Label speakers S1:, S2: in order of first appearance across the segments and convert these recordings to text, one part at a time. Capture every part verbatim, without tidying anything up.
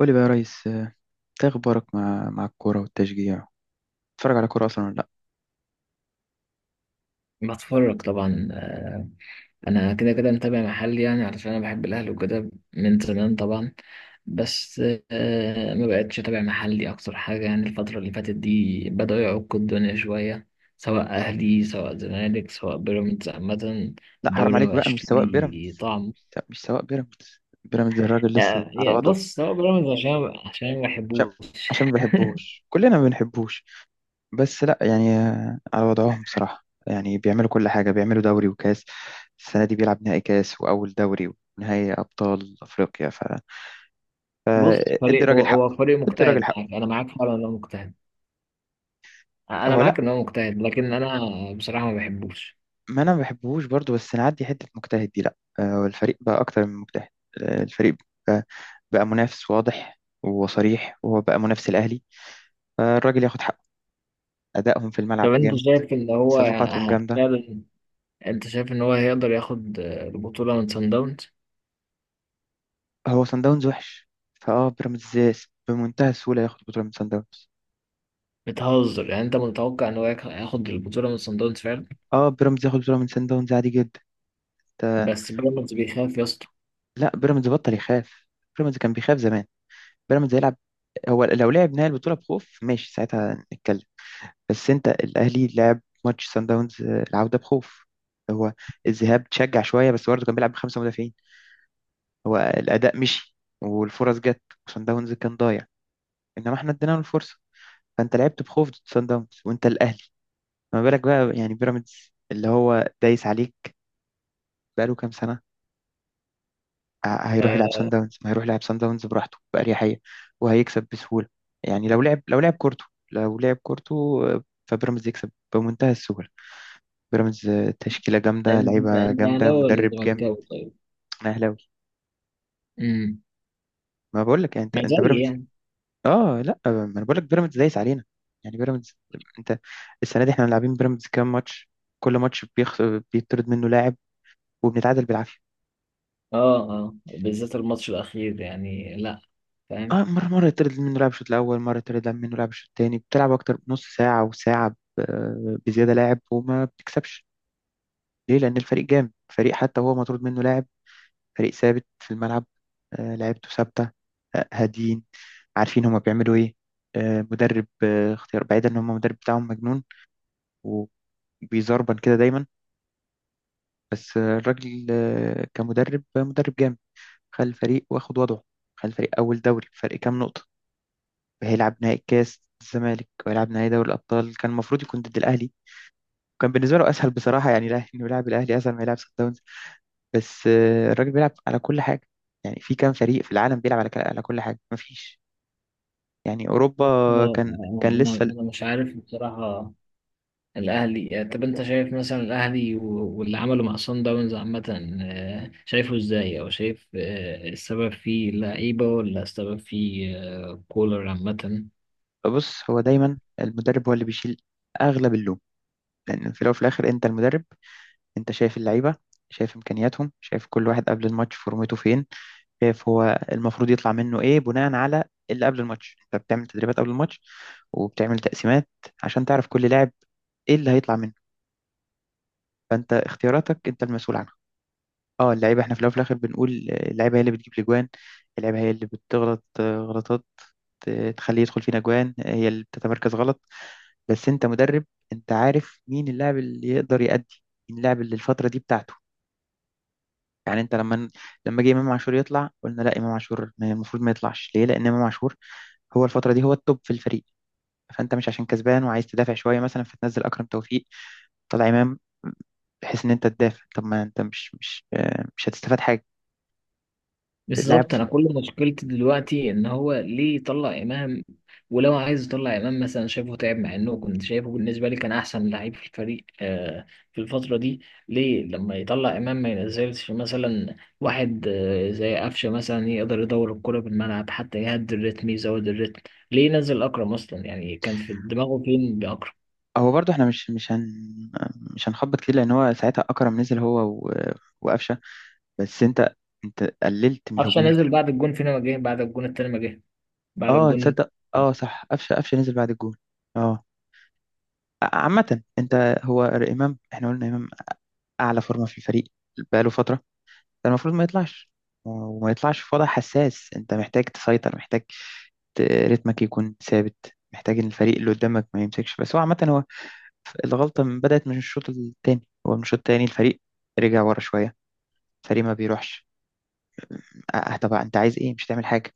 S1: قولي بقى يا ريس، آه، إنت ايه اخبارك مع مع الكوره والتشجيع؟ بتتفرج على كوره اصلا ولا لا؟
S2: بتفرج طبعا. آه، انا كده كده متابع محلي، يعني علشان انا بحب الاهلي وكده من زمان طبعا. بس آه، ما بقتش اتابع محلي اكتر حاجه، يعني الفتره اللي فاتت دي بدأوا يعكوا الدنيا شويه، سواء اهلي سواء زمالك سواء بيراميدز عامه.
S1: لا حرام
S2: الدوري ما
S1: عليك بقى، مش
S2: بقاش
S1: سواق
S2: ليه
S1: بيراميدز.
S2: طعم.
S1: لا مش سواق بيراميدز، بيراميدز الراجل لسه
S2: آه،
S1: على
S2: يا
S1: وضعه.
S2: بص، سواء بيراميدز عشان عشان ما
S1: عشان
S2: بحبوش.
S1: عشان ما بحبوش كلنا ما بنحبوش. بس لا يعني آه، على وضعهم بصراحه، يعني بيعملوا كل حاجه، بيعملوا دوري وكاس. السنه دي بيلعب نهائي كاس واول دوري ونهائي ابطال افريقيا. ف
S2: بص،
S1: فادي
S2: فريق هو
S1: الراجل حقه،
S2: هو فريق
S1: ادي الراجل
S2: مجتهد،
S1: حقه.
S2: يعني انا معاك فعلا انه مجتهد. انا
S1: هو لا،
S2: معاك ان هو مجتهد، لكن انا بصراحه ما بحبوش.
S1: ما انا ما بحبهوش برضو، بس نعدي حته مجتهد دي، لا آه، الفريق بقى اكتر من مجتهد. آه، الفريق بقى, بقى منافس واضح وصريح، وهو بقى منافس الاهلي. فالراجل ياخد حقه، ادائهم في
S2: طب
S1: الملعب
S2: انت
S1: جامد،
S2: شايف ان هو
S1: صفقاتهم
S2: ه-
S1: جامده.
S2: فعلا انت شايف ان هو هيقدر ياخد آه، البطولة من سان داونز؟
S1: هو سان داونز وحش، فاه بيراميدز بمنتهى السهوله ياخد بطوله من سان داونز.
S2: بتهزر؟ يعني انت متوقع ان هو ياخ- هياخد البطولة من سان داونز فعلا؟
S1: اه بيراميدز ياخد بطوله من سان داونز عادي جدا. ده
S2: بس بيراميدز بيخاف يا اسطى.
S1: لا، بيراميدز بطل يخاف، بيراميدز كان بيخاف زمان، بيراميدز يلعب. هو لو لعب نهائي البطوله بخوف ماشي، ساعتها نتكلم. بس انت الاهلي لعب ماتش سان داونز آه، العوده بخوف. هو الذهاب تشجع شويه، بس برضه كان بيلعب بخمسه مدافعين. هو الاداء مشي والفرص جت، وسان داونز كان ضايع، انما احنا ادينا له الفرصه. فانت لعبت بخوف ضد سان داونز وانت الاهلي، ما بالك بقى يعني بيراميدز اللي هو دايس عليك بقاله كام سنه؟ ه- هيروح يلعب سان
S2: آه،
S1: داونز، ما هيروح يلعب سان داونز براحته باريحيه وهيكسب بسهوله. يعني لو لعب لو لعب كورته، لو لعب كورته، آه، فبيراميدز يكسب بمنتهى السهوله. بيراميدز آه، تشكيلة جامدة،
S2: انت
S1: لعيبة
S2: انت
S1: جامدة،
S2: اهلاوي ولا
S1: مدرب جامد.
S2: زملكاوي طيب؟
S1: أنا أهلاوي.
S2: امم،
S1: ما بقول لك يعني أنت
S2: ما زي
S1: أنت بيراميدز.
S2: يعني.
S1: آه لا، آه، ما أنا بقول لك بيراميدز دايس علينا، يعني بيراميدز. أنت السنة دي إحنا لاعبين بيراميدز كام ماتش؟ كل ماتش بيخ... بيطرد منه لاعب وبنتعادل بالعافية.
S2: اه، اه بالذات الماتش الاخير، يعني لا، فاهم.
S1: آه مرة مرة يطرد منه لاعب الشوط الأول، مرة يطرد منه لاعب الشوط التاني، بتلعب أكتر من نص ساعة وساعة ب- آه، بزيادة لاعب وما بتكسبش. ليه؟ لأن الفريق جامد، فريق حتى هو مطرود منه لاعب، فريق ثابت في الملعب. آه، لعيبته ثابتة، آه، هاديين، عارفين هما بيعملوا ايه. آه، مدرب آه، اختيار، بعيدا ان هما المدرب بتاعهم مجنون وبيزربن كده دايما، بس آه، الراجل آه، كمدرب آه، مدرب جامد، خلى الفريق واخد وضعه، خلى الفريق اول دوري فرق كام نقطة. هيلعب نهائي كاس الزمالك وهيلعب نهائي دوري الابطال، كان المفروض يكون ضد الاهلي. كان بالنسبة له اسهل بصراحة، يعني الاهلي، انه يلعب الاهلي اسهل ما يلعب سان داونز. بس آه، الراجل بيلعب على كل حاجة. يعني في كام فريق في العالم بيلعب على على كل حاجة؟ مفيش. يعني اوروبا
S2: آه، آه،
S1: كان
S2: آه.
S1: كان لسه.
S2: انا انا مش عارف بصراحة الاهلي. طب انت شايف مثلا الاهلي و- واللي عمله مع صن داونز عامه، آه، شايفه ازاي؟ او شايف آه، السبب فيه لعيبه ولا السبب فيه آه، كولر عامه؟
S1: بص، هو دايما المدرب هو اللي بيشيل اغلب اللوم، لان في الاول وفي الاخر انت المدرب، انت شايف اللعيبه، شايف امكانياتهم، شايف كل واحد قبل الماتش فورمته فين، شايف هو المفروض يطلع منه ايه بناء على اللي قبل الماتش. انت بتعمل تدريبات قبل الماتش وبتعمل تقسيمات عشان تعرف كل لاعب ايه اللي هيطلع منه. فانت اختياراتك انت المسؤول عنها. اه اللعيبه احنا في الاول وفي الاخر بنقول اللعيبه هي اللي بتجيب الاجوان، اللعيبه هي اللي بتغلط آه، غلطات آه، تخليه يدخل فينا اجوان، هي اللي بتتمركز غلط. بس انت مدرب، انت عارف مين اللاعب اللي يقدر يأدي، مين اللاعب اللي الفترة دي بتاعته. يعني انت لما، لما جه امام عاشور يطلع قلنا لا، امام عاشور ما- المفروض ما يطلعش، ليه؟ لان امام عاشور هو الفترة دي هو التوب في الفريق. فانت مش عشان كسبان وعايز تدافع شوية مثلا فتنزل اكرم توفيق، طلع امام بحيث ان انت تدافع، طب ما انت مش مش آه، مش هتستفاد حاجه. اللاعب
S2: بالظبط، انا كل مشكلتي دلوقتي ان هو ليه يطلع امام؟ ولو عايز يطلع امام مثلا شايفه تعب، مع انه كنت شايفه بالنسبه لي كان احسن لعيب في الفريق، آه، في الفتره دي. ليه لما يطلع امام ما ينزلش مثلا واحد آه زي قفشه مثلا، يقدر يدور الكره بالملعب، حتى يهدي الريتم يزود الريتم؟ ليه نزل اكرم اصلا؟ يعني كان في دماغه فين باكرم؟
S1: هو برضه احنا مش مش هن مش هنخبط كتير، لان هو ساعتها اكرم نزل هو و- وقفشه، بس انت، انت قللت من
S2: قفشه
S1: الهجوم.
S2: نزل بعد الجون، فين ما جه؟ بعد الجون التاني ما جه، بعد
S1: اه
S2: الجون.
S1: تصدق اه صح، قفشه قفشه نزل بعد الجول. اه ع- عامة انت هو امام، احنا قلنا امام اعلى فورمة في الفريق بقاله فترة، ده المفروض ما يطلعش، وما يطلعش في وضع حساس. انت محتاج تسيطر، محتاج ت- رتمك يكون ثابت، محتاج ان الفريق اللي قدامك ما يمسكش، بس هو عامة هو ف- الغلطة من بدأت من الشوط التاني. هو من الشوط التاني الفريق رجع ورا شوية، الفريق ما بيروحش. اه طبعا انت عايز ايه؟ مش هتعمل حاجة.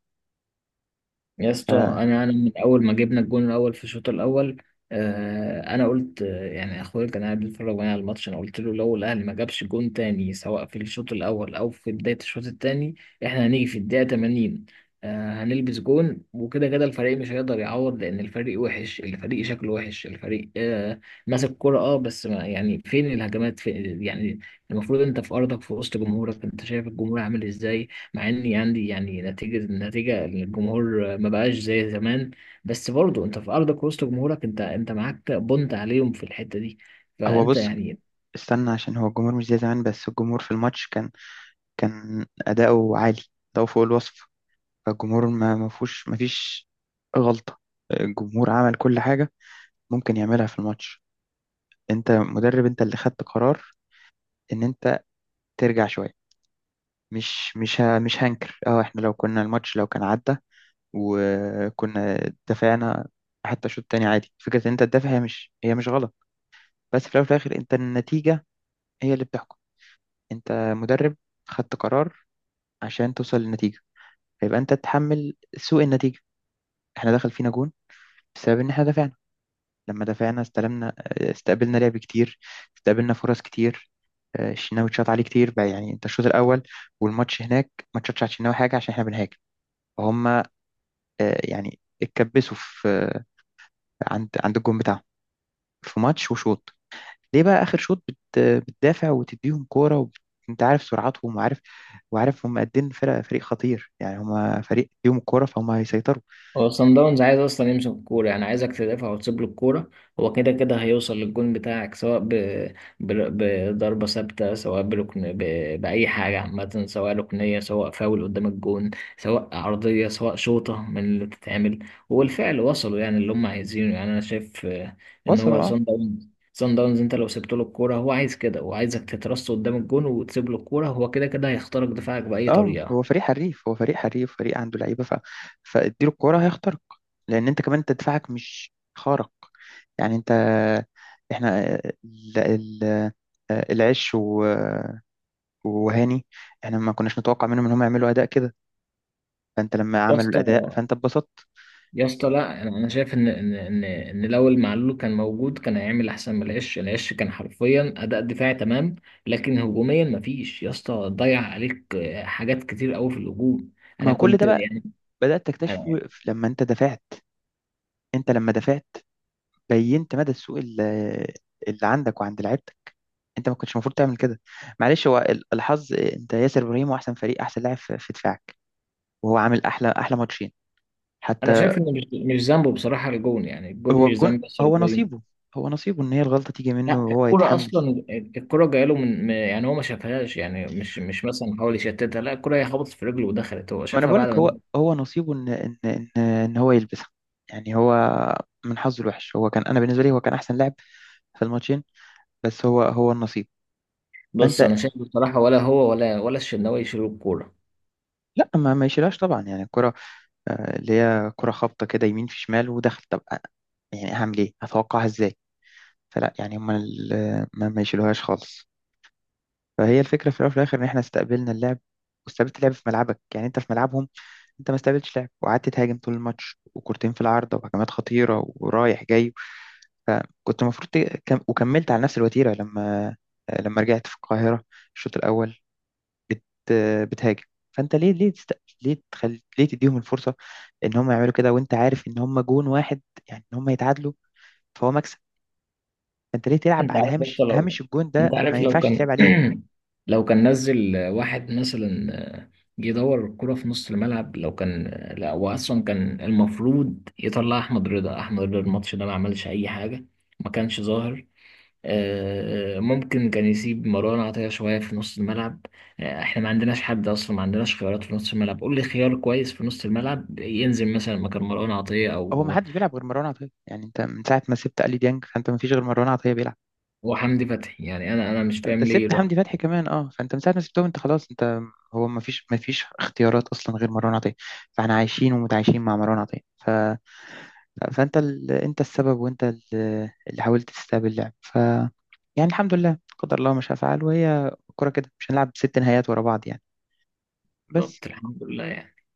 S2: يا اسطى، انا انا من اول ما جبنا الجون الاول في الشوط الاول، آه، انا قلت، آه، يعني اخويا كان قاعد بيتفرج معايا على الماتش، انا قلت له لو الاهلي ما جابش جون تاني، سواء في الشوط الاول او في بدايه الشوط التاني، احنا هنيجي في الدقيقه تمانين آه هنلبس جون، وكده كده الفريق مش هيقدر يعوض، لان الفريق وحش، الفريق شكله وحش، الفريق آه ماسك كرة، اه بس ما يعني فين الهجمات فين؟ يعني المفروض انت في ارضك في وسط جمهورك، انت شايف الجمهور عامل ازاي؟ مع اني عندي يعني نتيجه، النتيجه الجمهور ما بقاش زي زمان، بس برضه انت في ارضك وسط جمهورك، انت انت معاك بونت عليهم في الحته دي،
S1: هو
S2: فانت
S1: بص،
S2: يعني.
S1: استنى، عشان هو الجمهور مش زي زمان، بس الجمهور في الماتش كان، كان أداؤه عالي، أداؤه فوق الوصف. فالجمهور ما ما فيهوش ما فيش غلطة، الجمهور عمل كل حاجة ممكن يعملها في الماتش. أنت مدرب، أنت اللي خدت قرار إن أنت ترجع شوية. مش مش ه- مش هنكر اه، احنا لو كنا الماتش لو كان عدى وكنا دافعنا حتى شوط تاني عادي، فكرة ان انت تدافع هي مش هي مش غلط. بس في الاول وفي الاخر انت النتيجة هي اللي بتحكم. انت مدرب، خدت قرار عشان توصل للنتيجة، فيبقى انت تتحمل سوء النتيجة. احنا دخل فينا جون بسبب ان احنا دافعنا، لما دافعنا استلمنا، استقبلنا لعب كتير، استقبلنا فرص كتير. آه، الشناوي اتشاط عليه كتير بقى، يعني انت الشوط الاول والماتش هناك ما اتشاطش على الشناوي حاجه، عشان احنا بنهاجم. فهم آه، يعني اتكبسوا في آه، عند عند الجون بتاعهم في ماتش وشوط. ليه بقى اخر شوط بت- بتدافع وتديهم كوره وبت... انت عارف سرعتهم، وعارف وعارف هم قد ايه، إن فرق فريق خطير، يعني هم فريق ليهم الكوره، فهم هيسيطروا.
S2: هو صن داونز عايز اصلا يمسك الكوره، يعني عايزك تدافع وتسيب له الكوره، هو كده كده هيوصل للجون بتاعك، سواء ب... ب... بضربه ثابته، سواء بركن، ب... باي حاجه عامه، سواء ركنيه سواء فاول قدام الجون، سواء عرضيه سواء شوطه من اللي بتتعمل. وبالفعل وصلوا يعني اللي هم عايزينه. يعني انا شايف آه، ان هو
S1: وصلوا اه.
S2: صن داونز، صن داونز انت لو سبت له الكوره هو عايز كده، هو عايزك تترص قدام الجون وتسيب له الكوره، هو كده كده هيخترق دفاعك باي
S1: اه
S2: طريقه.
S1: هو فريق حريف، هو فريق حريف فريق عنده لعيبه ف... فاديله الكوره هيخترق، لان انت كمان انت دفاعك مش خارق. يعني انت، احنا ال... ال... العش و... وهاني، احنا ما كناش نتوقع منهم ان هم يعملوا اداء كده، فانت لما
S2: يا
S1: عملوا
S2: اسطى،
S1: الاداء فانت اتبسطت.
S2: يا اسطى، لا انا أنا شايف ان ان ان ان لو المعلول كان موجود كان هيعمل احسن من العش. العش كان حرفيا اداء دفاعي تمام، لكن هجوميا مفيش يا اسطى، ضيع عليك آه، حاجات كتير قوي في الهجوم.
S1: ما
S2: انا
S1: هو كل
S2: كنت
S1: ده بقى
S2: يعني.
S1: بدات تكتشفه
S2: انا
S1: لما انت دفعت. انت لما دفعت بينت مدى السوء اللي, اللي عندك وعند لعيبتك. انت ما كنتش المفروض تعمل كده. معلش، هو ال- الحظ، انت ياسر ابراهيم هو احسن فريق احسن لاعب في في دفاعك، وهو عامل احلى احلى ماتشين
S2: أنا
S1: حتى.
S2: شايف ان مش مش ذنبه بصراحه الجون، يعني الجون
S1: هو
S2: مش
S1: الجون
S2: ذنب ياسر
S1: هو
S2: ابراهيم.
S1: نصيبه، هو نصيبه ان هي الغلطه تيجي منه
S2: لا
S1: وهو
S2: الكرة
S1: يتحمل.
S2: اصلا، الكرة جايه له من من- يعني هو ما شافهاش، يعني مش مش مثلا حاول يشتتها، لا الكرة هي خبطت في رجله ودخلت، هو
S1: ما انا
S2: شافها بعد
S1: بقولك هو
S2: ما.
S1: هو نصيبه ان ان ان ان هو يلبسها. يعني هو من حظه الوحش، هو كان، انا بالنسبه لي هو كان احسن لاعب في الماتشين، بس هو هو النصيب. فانت
S2: بص، انا شايف بصراحه ولا هو ولا ولا الشناوي يشيلوا الكوره.
S1: لا، ما ما يشيلهاش طبعا، يعني الكره آه، اللي هي كره خابطه كده يمين في شمال ودخل، طب أ- يعني هعمل ايه؟ اتوقعها ازاي؟ فلا يعني هم ال- ما ما يشيلوهاش خالص. فهي الفكره في الاول وفي الاخر ان احنا استقبلنا اللعب، واستقبلت اللعب في ملعبك، يعني انت في ملعبهم انت ما استقبلتش لعب، وقعدت تهاجم طول الماتش، وكورتين في العارضه وهجمات خطيره ورايح جاي. كنت المفروض ت- كم... وكملت على نفس الوتيره. لما، لما رجعت في القاهره الشوط الاول بت... بتهاجم. فانت ليه، ليه تست... ليه تخل... ليه تديهم الفرصه ان هم يعملوا كده، وانت عارف ان هم جون واحد، يعني ان هم يتعادلوا فهو مكسب. فانت ليه تلعب
S2: انت
S1: على
S2: عارف يا اسطى
S1: هامش
S2: لو،
S1: هامش الجون ده؟
S2: انت
S1: ما
S2: عارف لو
S1: ينفعش تلعب
S2: كان
S1: عليه.
S2: لو كان نزل واحد مثلا، آه، جه يدور الكرة في نص الملعب لو كان. لا هو اصلا كان المفروض يطلع احمد رضا، احمد رضا الماتش ده ما عملش اي حاجة، ما كانش ظاهر. آه، آه، ممكن كان يسيب مروان عطية شوية في نص الملعب. آه، احنا ما عندناش حد اصلا، ما عندناش خيارات في نص الملعب. قول لي خيار كويس في نص الملعب ينزل مثلا مكان مروان عطية
S1: هو ما
S2: او
S1: حدش بيلعب غير مروان عطيه، يعني انت من ساعه ما سبت علي ديانج فانت ما فيش غير مروان عطيه بيلعب.
S2: أو حمدي فتحي. يعني انا انا مش فاهم
S1: انت
S2: ليه
S1: سبت
S2: يروح.
S1: حمدي فتحي كمان اه، فانت من ساعه ما سبتهم انت خلاص انت، هو ما فيش ما فيش اختيارات اصلا غير مروان عطيه، فاحنا عايشين ومتعايشين مع مروان عطيه ف... فانت ال... انت السبب، وانت ال- اللي حاولت تستقبل اللعب. ف يعني الحمد لله قدر الله ما شاء فعل، وهي الكوره كده، مش هنلعب ست نهايات ورا بعض يعني. بس
S2: بالظبط، الحمد لله يعني.